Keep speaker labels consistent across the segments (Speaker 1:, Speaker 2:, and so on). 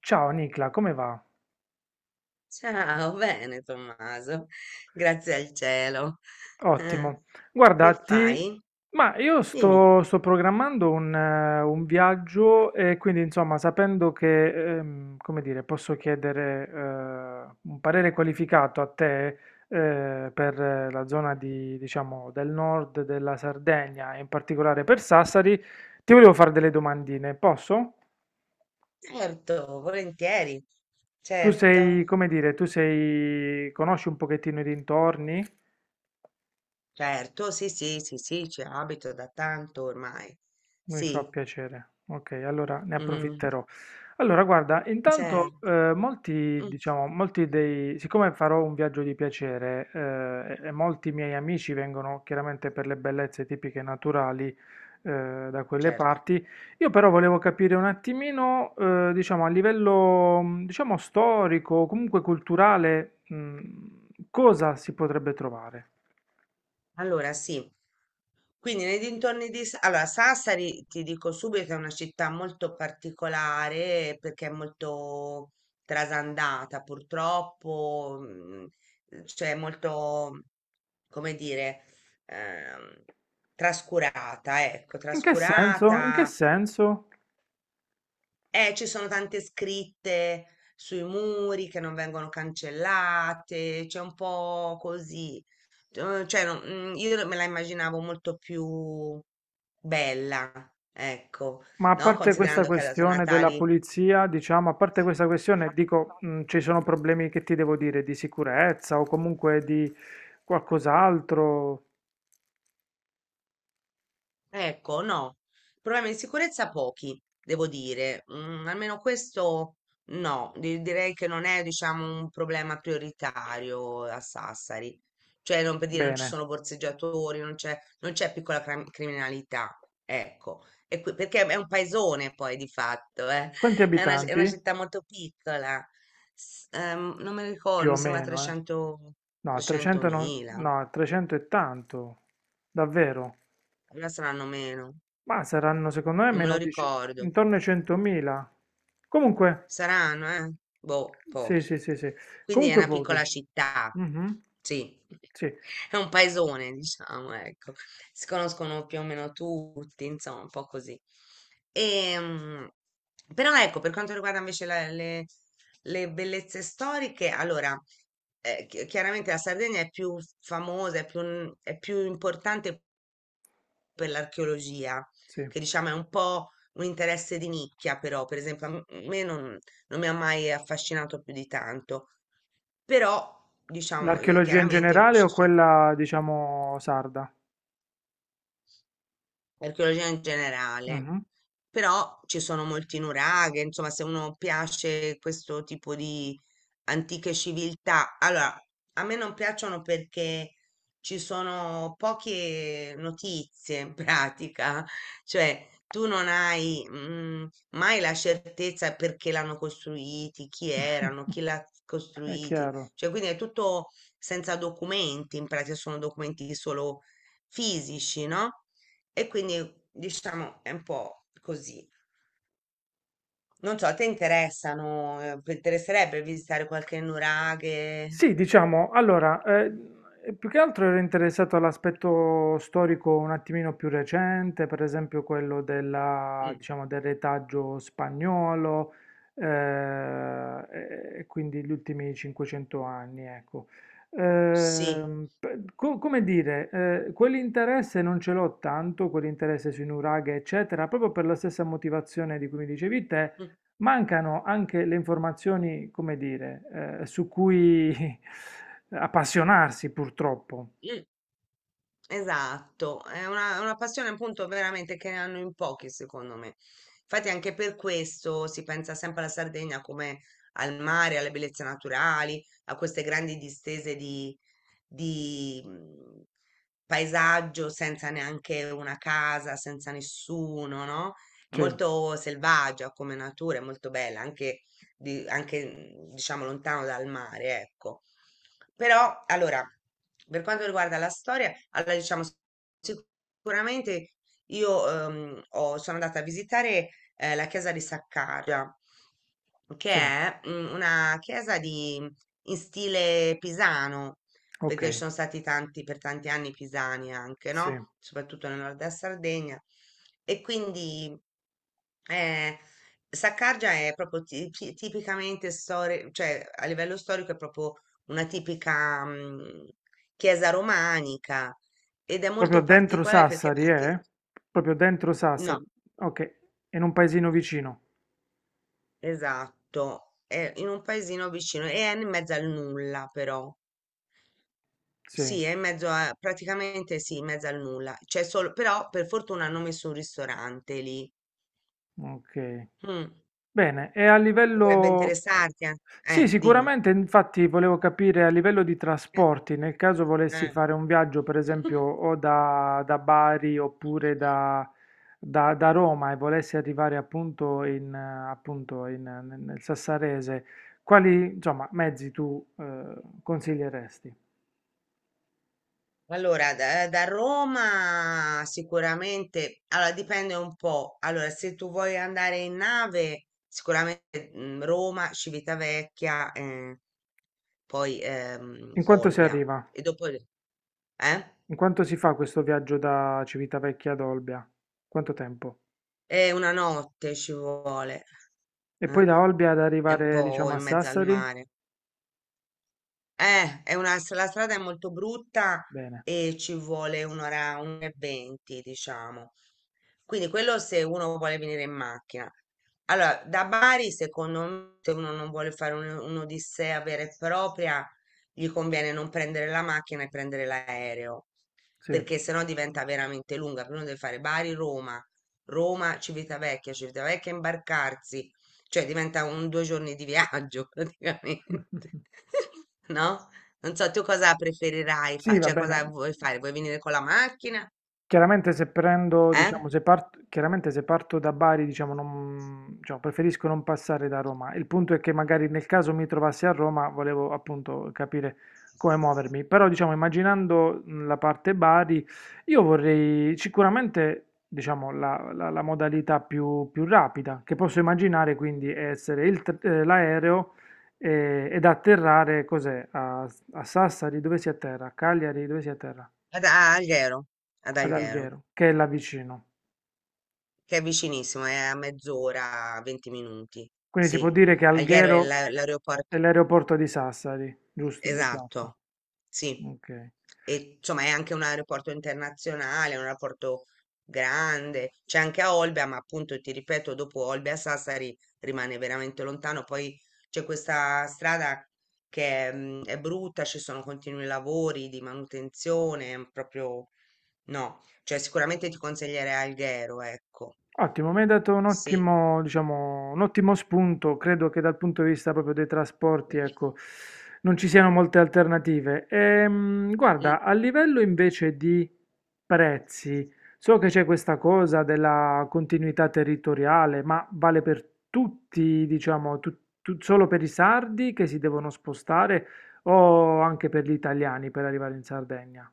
Speaker 1: Ciao Nicla, come va?
Speaker 2: Ciao, bene Tommaso, grazie al cielo. Eh,
Speaker 1: Ottimo. Guarda,
Speaker 2: che
Speaker 1: ti...
Speaker 2: fai?
Speaker 1: Ma io
Speaker 2: Dimmi.
Speaker 1: sto programmando un viaggio e quindi insomma sapendo che, come dire, posso chiedere un parere qualificato a te per la zona di, diciamo, del nord della Sardegna e in particolare per Sassari, ti volevo fare delle domandine, posso?
Speaker 2: Certo, volentieri.
Speaker 1: Tu sei,
Speaker 2: Certo,
Speaker 1: come dire, tu sei, conosci un pochettino i dintorni?
Speaker 2: certo, sì, sì, sì, sì, ci abito da tanto ormai.
Speaker 1: Mi fa
Speaker 2: Sì,
Speaker 1: piacere. Ok, allora ne
Speaker 2: mm,
Speaker 1: approfitterò. Allora, guarda,
Speaker 2: certo,
Speaker 1: intanto molti,
Speaker 2: mm,
Speaker 1: diciamo, molti dei, siccome farò un viaggio di piacere e molti miei amici vengono chiaramente per le bellezze tipiche naturali da quelle
Speaker 2: certo.
Speaker 1: parti. Io però volevo capire un attimino, diciamo, a livello, diciamo, storico, o comunque culturale, cosa si potrebbe trovare?
Speaker 2: Allora, sì. Quindi nei dintorni di. Allora, Sassari, ti dico subito, è una città molto particolare perché è molto trasandata, purtroppo. Cioè molto, come dire, ehm, trascurata, ecco,
Speaker 1: In che senso? In che
Speaker 2: trascurata.
Speaker 1: senso?
Speaker 2: Ci sono tante scritte sui muri che non vengono cancellate, c'è un po' così. Cioè, no, io me la immaginavo molto più bella, ecco,
Speaker 1: Ma a
Speaker 2: no?
Speaker 1: parte questa
Speaker 2: Considerando che ha dato i
Speaker 1: questione della
Speaker 2: Natali.
Speaker 1: pulizia, diciamo, a parte questa questione, dico, ci sono problemi che ti devo dire di sicurezza o comunque di qualcos'altro.
Speaker 2: Ecco, no, problemi di sicurezza pochi, devo dire. Almeno questo no, direi che non è, diciamo, un problema prioritario a Sassari. Cioè, non per dire non ci
Speaker 1: Bene.
Speaker 2: sono borseggiatori, non c'è piccola criminalità, ecco. Perché è un paesone poi di fatto, eh.
Speaker 1: Quanti
Speaker 2: È una
Speaker 1: abitanti?
Speaker 2: città molto piccola. Non me lo
Speaker 1: Più
Speaker 2: ricordo,
Speaker 1: o
Speaker 2: mi sembra
Speaker 1: meno, eh.
Speaker 2: 300,
Speaker 1: No, 300 non...
Speaker 2: 300.000,
Speaker 1: no, 300 è tanto. Davvero?
Speaker 2: allora saranno meno,
Speaker 1: Ma saranno secondo me
Speaker 2: non me
Speaker 1: meno
Speaker 2: lo
Speaker 1: di... ce-
Speaker 2: ricordo.
Speaker 1: intorno ai 100.000. Comunque,
Speaker 2: Saranno, eh? Boh,
Speaker 1: sì,
Speaker 2: pochi.
Speaker 1: sì, sì, sì.
Speaker 2: Quindi è
Speaker 1: Comunque
Speaker 2: una
Speaker 1: pochi.
Speaker 2: piccola città,
Speaker 1: Mhm.
Speaker 2: sì,
Speaker 1: Sì,
Speaker 2: è un paesone, diciamo, ecco. Si conoscono più o meno tutti, insomma, un po' così. Ehm, Però ecco, per quanto riguarda invece le bellezze storiche, allora, chiaramente la Sardegna è più famosa, è più importante per l'archeologia,
Speaker 1: sì.
Speaker 2: che diciamo è un po' un interesse di nicchia, però, per esempio, a me non mi ha mai affascinato più di tanto, però, diciamo,
Speaker 1: L'archeologia in
Speaker 2: chiaramente
Speaker 1: generale o
Speaker 2: ci sono
Speaker 1: quella, diciamo, sarda?
Speaker 2: archeologia in generale,
Speaker 1: Mhm.
Speaker 2: però ci sono molti nuraghe, insomma, se uno piace questo tipo di antiche civiltà, allora a me non piacciono perché ci sono poche notizie in pratica, cioè tu non hai mai la certezza perché l'hanno costruiti, chi erano, chi l'ha
Speaker 1: È
Speaker 2: costruiti,
Speaker 1: chiaro.
Speaker 2: cioè quindi è tutto senza documenti, in pratica sono documenti solo fisici, no? E quindi diciamo è un po' così. Non so, a te interessano, ti interesserebbe visitare qualche nuraghe?
Speaker 1: Sì, diciamo, allora, più che altro ero interessato all'aspetto storico un attimino più recente, per esempio quello della,
Speaker 2: Mm,
Speaker 1: diciamo, del retaggio spagnolo, eh, e quindi gli ultimi 500 anni, ecco.
Speaker 2: sì.
Speaker 1: Come dire, quell'interesse non ce l'ho tanto, quell'interesse sui nuraghe, eccetera, proprio per la stessa motivazione di cui mi dicevi te.
Speaker 2: Mm,
Speaker 1: Mancano anche le informazioni, come dire, su cui appassionarsi purtroppo.
Speaker 2: mm. Esatto, è una passione appunto veramente che ne hanno in pochi secondo me. Infatti anche per questo si pensa sempre alla Sardegna come al mare, alle bellezze naturali, a queste grandi distese di paesaggio senza neanche una casa, senza nessuno, no?
Speaker 1: Sì,
Speaker 2: Molto selvaggia come natura, è molto bella, anche diciamo lontano dal mare, ecco. Però, allora, per quanto riguarda la storia, allora diciamo sicuramente io sono andata a visitare la chiesa di Saccaria, che
Speaker 1: sì,
Speaker 2: è una chiesa di, in stile pisano,
Speaker 1: ok,
Speaker 2: perché ci sono stati tanti, per tanti anni pisani anche,
Speaker 1: sì.
Speaker 2: no? Soprattutto nel nord della Sardegna. E quindi eh, Saccargia è proprio tipicamente storia, cioè a livello storico è proprio una tipica chiesa romanica ed è
Speaker 1: Proprio
Speaker 2: molto
Speaker 1: dentro
Speaker 2: particolare perché
Speaker 1: Sassari,
Speaker 2: anche.
Speaker 1: eh? Proprio dentro Sassari.
Speaker 2: No,
Speaker 1: Ok, in un paesino vicino.
Speaker 2: esatto, è in un paesino vicino e è in mezzo al nulla però.
Speaker 1: Sì.
Speaker 2: Sì, è in mezzo a, praticamente sì, in mezzo al nulla. C'è solo, però per fortuna hanno messo un ristorante lì.
Speaker 1: Ok.
Speaker 2: Mm,
Speaker 1: Bene, e a
Speaker 2: potrebbe
Speaker 1: livello...
Speaker 2: interessarti, eh?
Speaker 1: Sì,
Speaker 2: Dimmi.
Speaker 1: sicuramente, infatti volevo capire a livello di
Speaker 2: Eh,
Speaker 1: trasporti, nel caso volessi
Speaker 2: eh.
Speaker 1: fare un viaggio, per esempio, o da, da Bari oppure da, da Roma e volessi arrivare appunto in, appunto in, nel Sassarese, quali, insomma, mezzi tu consiglieresti?
Speaker 2: Allora, da Roma sicuramente, allora dipende un po'. Allora, se tu vuoi andare in nave, sicuramente Roma, Civitavecchia, poi
Speaker 1: In quanto si
Speaker 2: Olbia.
Speaker 1: arriva?
Speaker 2: E dopo, eh?
Speaker 1: In quanto si fa questo viaggio da Civitavecchia ad Olbia? Quanto tempo?
Speaker 2: È una notte ci vuole.
Speaker 1: E poi
Speaker 2: eh,
Speaker 1: da Olbia ad
Speaker 2: È un
Speaker 1: arrivare,
Speaker 2: po'
Speaker 1: diciamo, a
Speaker 2: in mezzo al
Speaker 1: Sassari?
Speaker 2: mare. È una, la strada è molto brutta
Speaker 1: Bene,
Speaker 2: e ci vuole un'ora, un'ora e venti, diciamo. Quindi quello se uno vuole venire in macchina. Allora, da Bari, secondo me, se uno non vuole fare un'odissea vera e propria, gli conviene non prendere la macchina e prendere l'aereo
Speaker 1: sì.
Speaker 2: perché sennò diventa veramente lunga. Prima deve fare Bari-Roma, Roma-Civitavecchia, Civitavecchia imbarcarsi, cioè diventa un due giorni di viaggio praticamente, no? Non so, tu cosa preferirai
Speaker 1: Sì,
Speaker 2: fare?
Speaker 1: va
Speaker 2: Cioè, cosa
Speaker 1: bene.
Speaker 2: vuoi fare? Vuoi venire con la macchina?
Speaker 1: Chiaramente se prendo,
Speaker 2: Eh?
Speaker 1: diciamo, se parto, chiaramente se parto da Bari, diciamo, non- diciamo, preferisco non passare da Roma. Il punto è che magari nel caso mi trovassi a Roma, volevo appunto capire come muovermi. Però, diciamo, immaginando la parte Bari, io vorrei sicuramente, diciamo, la modalità più rapida che posso immaginare, quindi, è essere il l'aereo ed atterrare, cos'è? A, a Sassari, dove si atterra? A Cagliari, dove si atterra?
Speaker 2: Ad a Alghero, ad
Speaker 1: Ad
Speaker 2: Alghero,
Speaker 1: Alghero, che è là vicino.
Speaker 2: che è vicinissimo, è a mezz'ora, 20 minuti.
Speaker 1: Quindi si può
Speaker 2: Sì,
Speaker 1: dire che
Speaker 2: Alghero è
Speaker 1: Alghero
Speaker 2: l'aeroporto.
Speaker 1: è l'aeroporto di Sassari, giusto? Di fatto.
Speaker 2: Esatto, sì.
Speaker 1: Ok.
Speaker 2: E insomma è anche un aeroporto internazionale, un aeroporto grande, c'è anche a Olbia, ma appunto ti ripeto, dopo Olbia Sassari rimane veramente lontano. Poi c'è questa strada che è, brutta, ci sono continui lavori di manutenzione, è proprio no, cioè sicuramente ti consiglierei Alghero, ecco.
Speaker 1: Ottimo, mi hai dato un
Speaker 2: Sì.
Speaker 1: ottimo, diciamo, un ottimo spunto. Credo che dal punto di vista proprio dei trasporti, ecco, non ci siano molte alternative. Guarda, a livello invece di prezzi, so che c'è questa cosa della continuità territoriale, ma vale per tutti, diciamo, solo per i sardi che si devono spostare o anche per gli italiani per arrivare in Sardegna?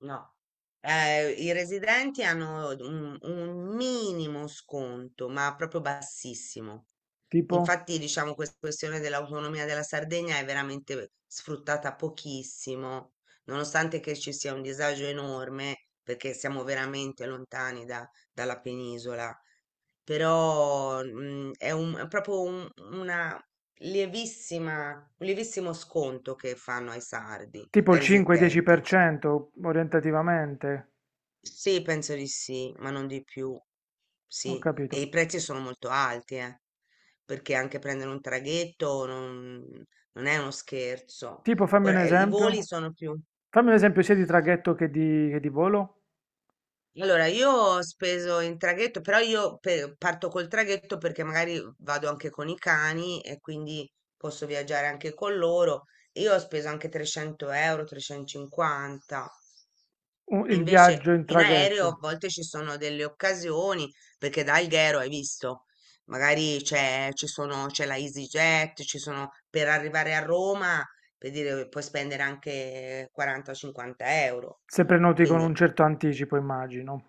Speaker 2: No, i residenti hanno un minimo sconto, ma proprio bassissimo.
Speaker 1: Tipo?
Speaker 2: Infatti, diciamo, questa questione dell'autonomia della Sardegna è veramente sfruttata pochissimo, nonostante che ci sia un disagio enorme, perché siamo veramente lontani dalla penisola. Però, è è proprio una lievissima, un lievissimo sconto che fanno ai sardi,
Speaker 1: Tipo
Speaker 2: ai
Speaker 1: il
Speaker 2: residenti.
Speaker 1: 5-10% orientativamente.
Speaker 2: Sì, penso di sì, ma non di più.
Speaker 1: Ho
Speaker 2: Sì, e
Speaker 1: capito.
Speaker 2: i prezzi sono molto alti, perché anche prendere un traghetto non, non è uno scherzo.
Speaker 1: Tipo, fammi un
Speaker 2: Ora, i voli
Speaker 1: esempio.
Speaker 2: sono più.
Speaker 1: Fammi un esempio sia di traghetto che di volo.
Speaker 2: Allora, io ho speso in traghetto, però io parto col traghetto perché magari vado anche con i cani e quindi posso viaggiare anche con loro. Io ho speso anche 300 euro, 350.
Speaker 1: Il viaggio
Speaker 2: Invece
Speaker 1: in
Speaker 2: in aereo a
Speaker 1: traghetto,
Speaker 2: volte ci sono delle occasioni, perché da Alghero hai visto, magari c'è la EasyJet, ci sono, per arrivare a Roma, per dire, puoi spendere anche 40-50 euro.
Speaker 1: se prenoti con un
Speaker 2: Quindi
Speaker 1: certo anticipo, immagino.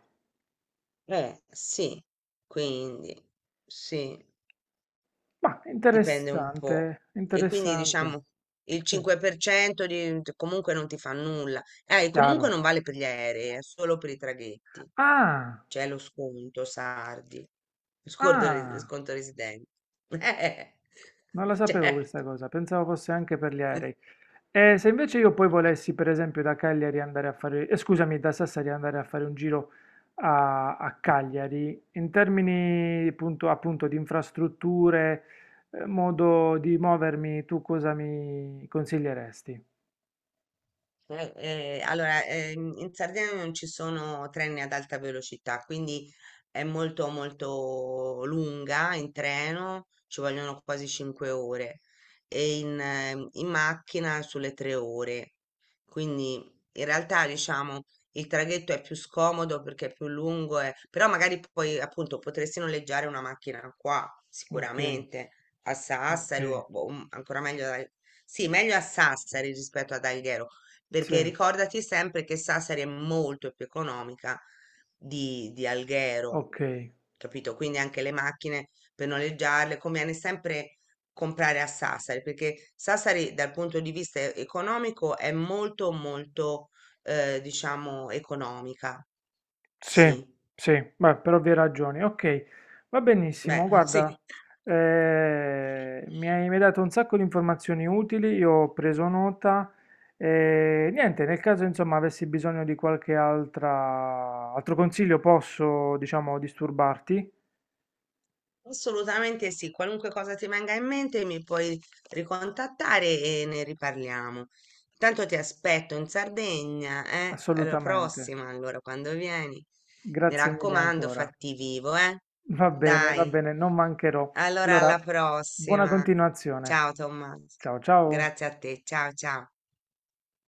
Speaker 2: sì, quindi sì,
Speaker 1: Ma
Speaker 2: dipende un po'.
Speaker 1: interessante,
Speaker 2: E quindi
Speaker 1: interessante.
Speaker 2: diciamo il
Speaker 1: Sì,
Speaker 2: 5% comunque non ti fa nulla. E comunque
Speaker 1: chiaro.
Speaker 2: non vale per gli aerei, è solo per i traghetti.
Speaker 1: Ah,
Speaker 2: C'è lo sconto, sardi, sconto,
Speaker 1: ah,
Speaker 2: sconto residente. Eh,
Speaker 1: non la sapevo questa
Speaker 2: certo.
Speaker 1: cosa, pensavo fosse anche per gli aerei. E se invece io poi volessi, per esempio, da Cagliari andare a fare, scusami, da Sassari andare a fare un giro a, a Cagliari, in termini appunto, appunto di infrastrutture, modo di movermi, tu cosa mi consiglieresti?
Speaker 2: Allora, in Sardegna non ci sono treni ad alta velocità, quindi è molto molto lunga in treno, ci vogliono quasi 5 ore e in macchina sulle 3 ore. Quindi in realtà diciamo il traghetto è più scomodo perché è più lungo, però magari poi appunto potresti noleggiare una macchina qua
Speaker 1: Ok,
Speaker 2: sicuramente a
Speaker 1: ok,
Speaker 2: Sassari o ancora meglio sì, meglio a Sassari rispetto ad Alghero
Speaker 1: sì,
Speaker 2: perché ricordati sempre che Sassari è molto più economica di Alghero,
Speaker 1: ok.
Speaker 2: capito? Quindi anche le macchine per noleggiarle conviene sempre comprare a Sassari, perché Sassari dal punto di vista economico è molto molto diciamo economica.
Speaker 1: Sì,
Speaker 2: Sì,
Speaker 1: sì, beh, per ovvie ragioni. Ok, va
Speaker 2: beh,
Speaker 1: benissimo. Guarda,
Speaker 2: sì.
Speaker 1: mi hai dato un sacco di informazioni utili, io ho preso nota. E niente, nel caso insomma avessi bisogno di altro consiglio, posso, diciamo, disturbarti?
Speaker 2: Assolutamente sì, qualunque cosa ti venga in mente mi puoi ricontattare e ne riparliamo. Intanto ti aspetto in Sardegna, eh? Alla
Speaker 1: Assolutamente.
Speaker 2: prossima, allora, quando vieni. Mi
Speaker 1: Grazie mille
Speaker 2: raccomando,
Speaker 1: ancora.
Speaker 2: fatti vivo, eh?
Speaker 1: Va
Speaker 2: Dai,
Speaker 1: bene, non mancherò.
Speaker 2: allora alla
Speaker 1: Allora, buona
Speaker 2: prossima.
Speaker 1: continuazione.
Speaker 2: Ciao Tommaso,
Speaker 1: Ciao, ciao.
Speaker 2: grazie a te, ciao ciao.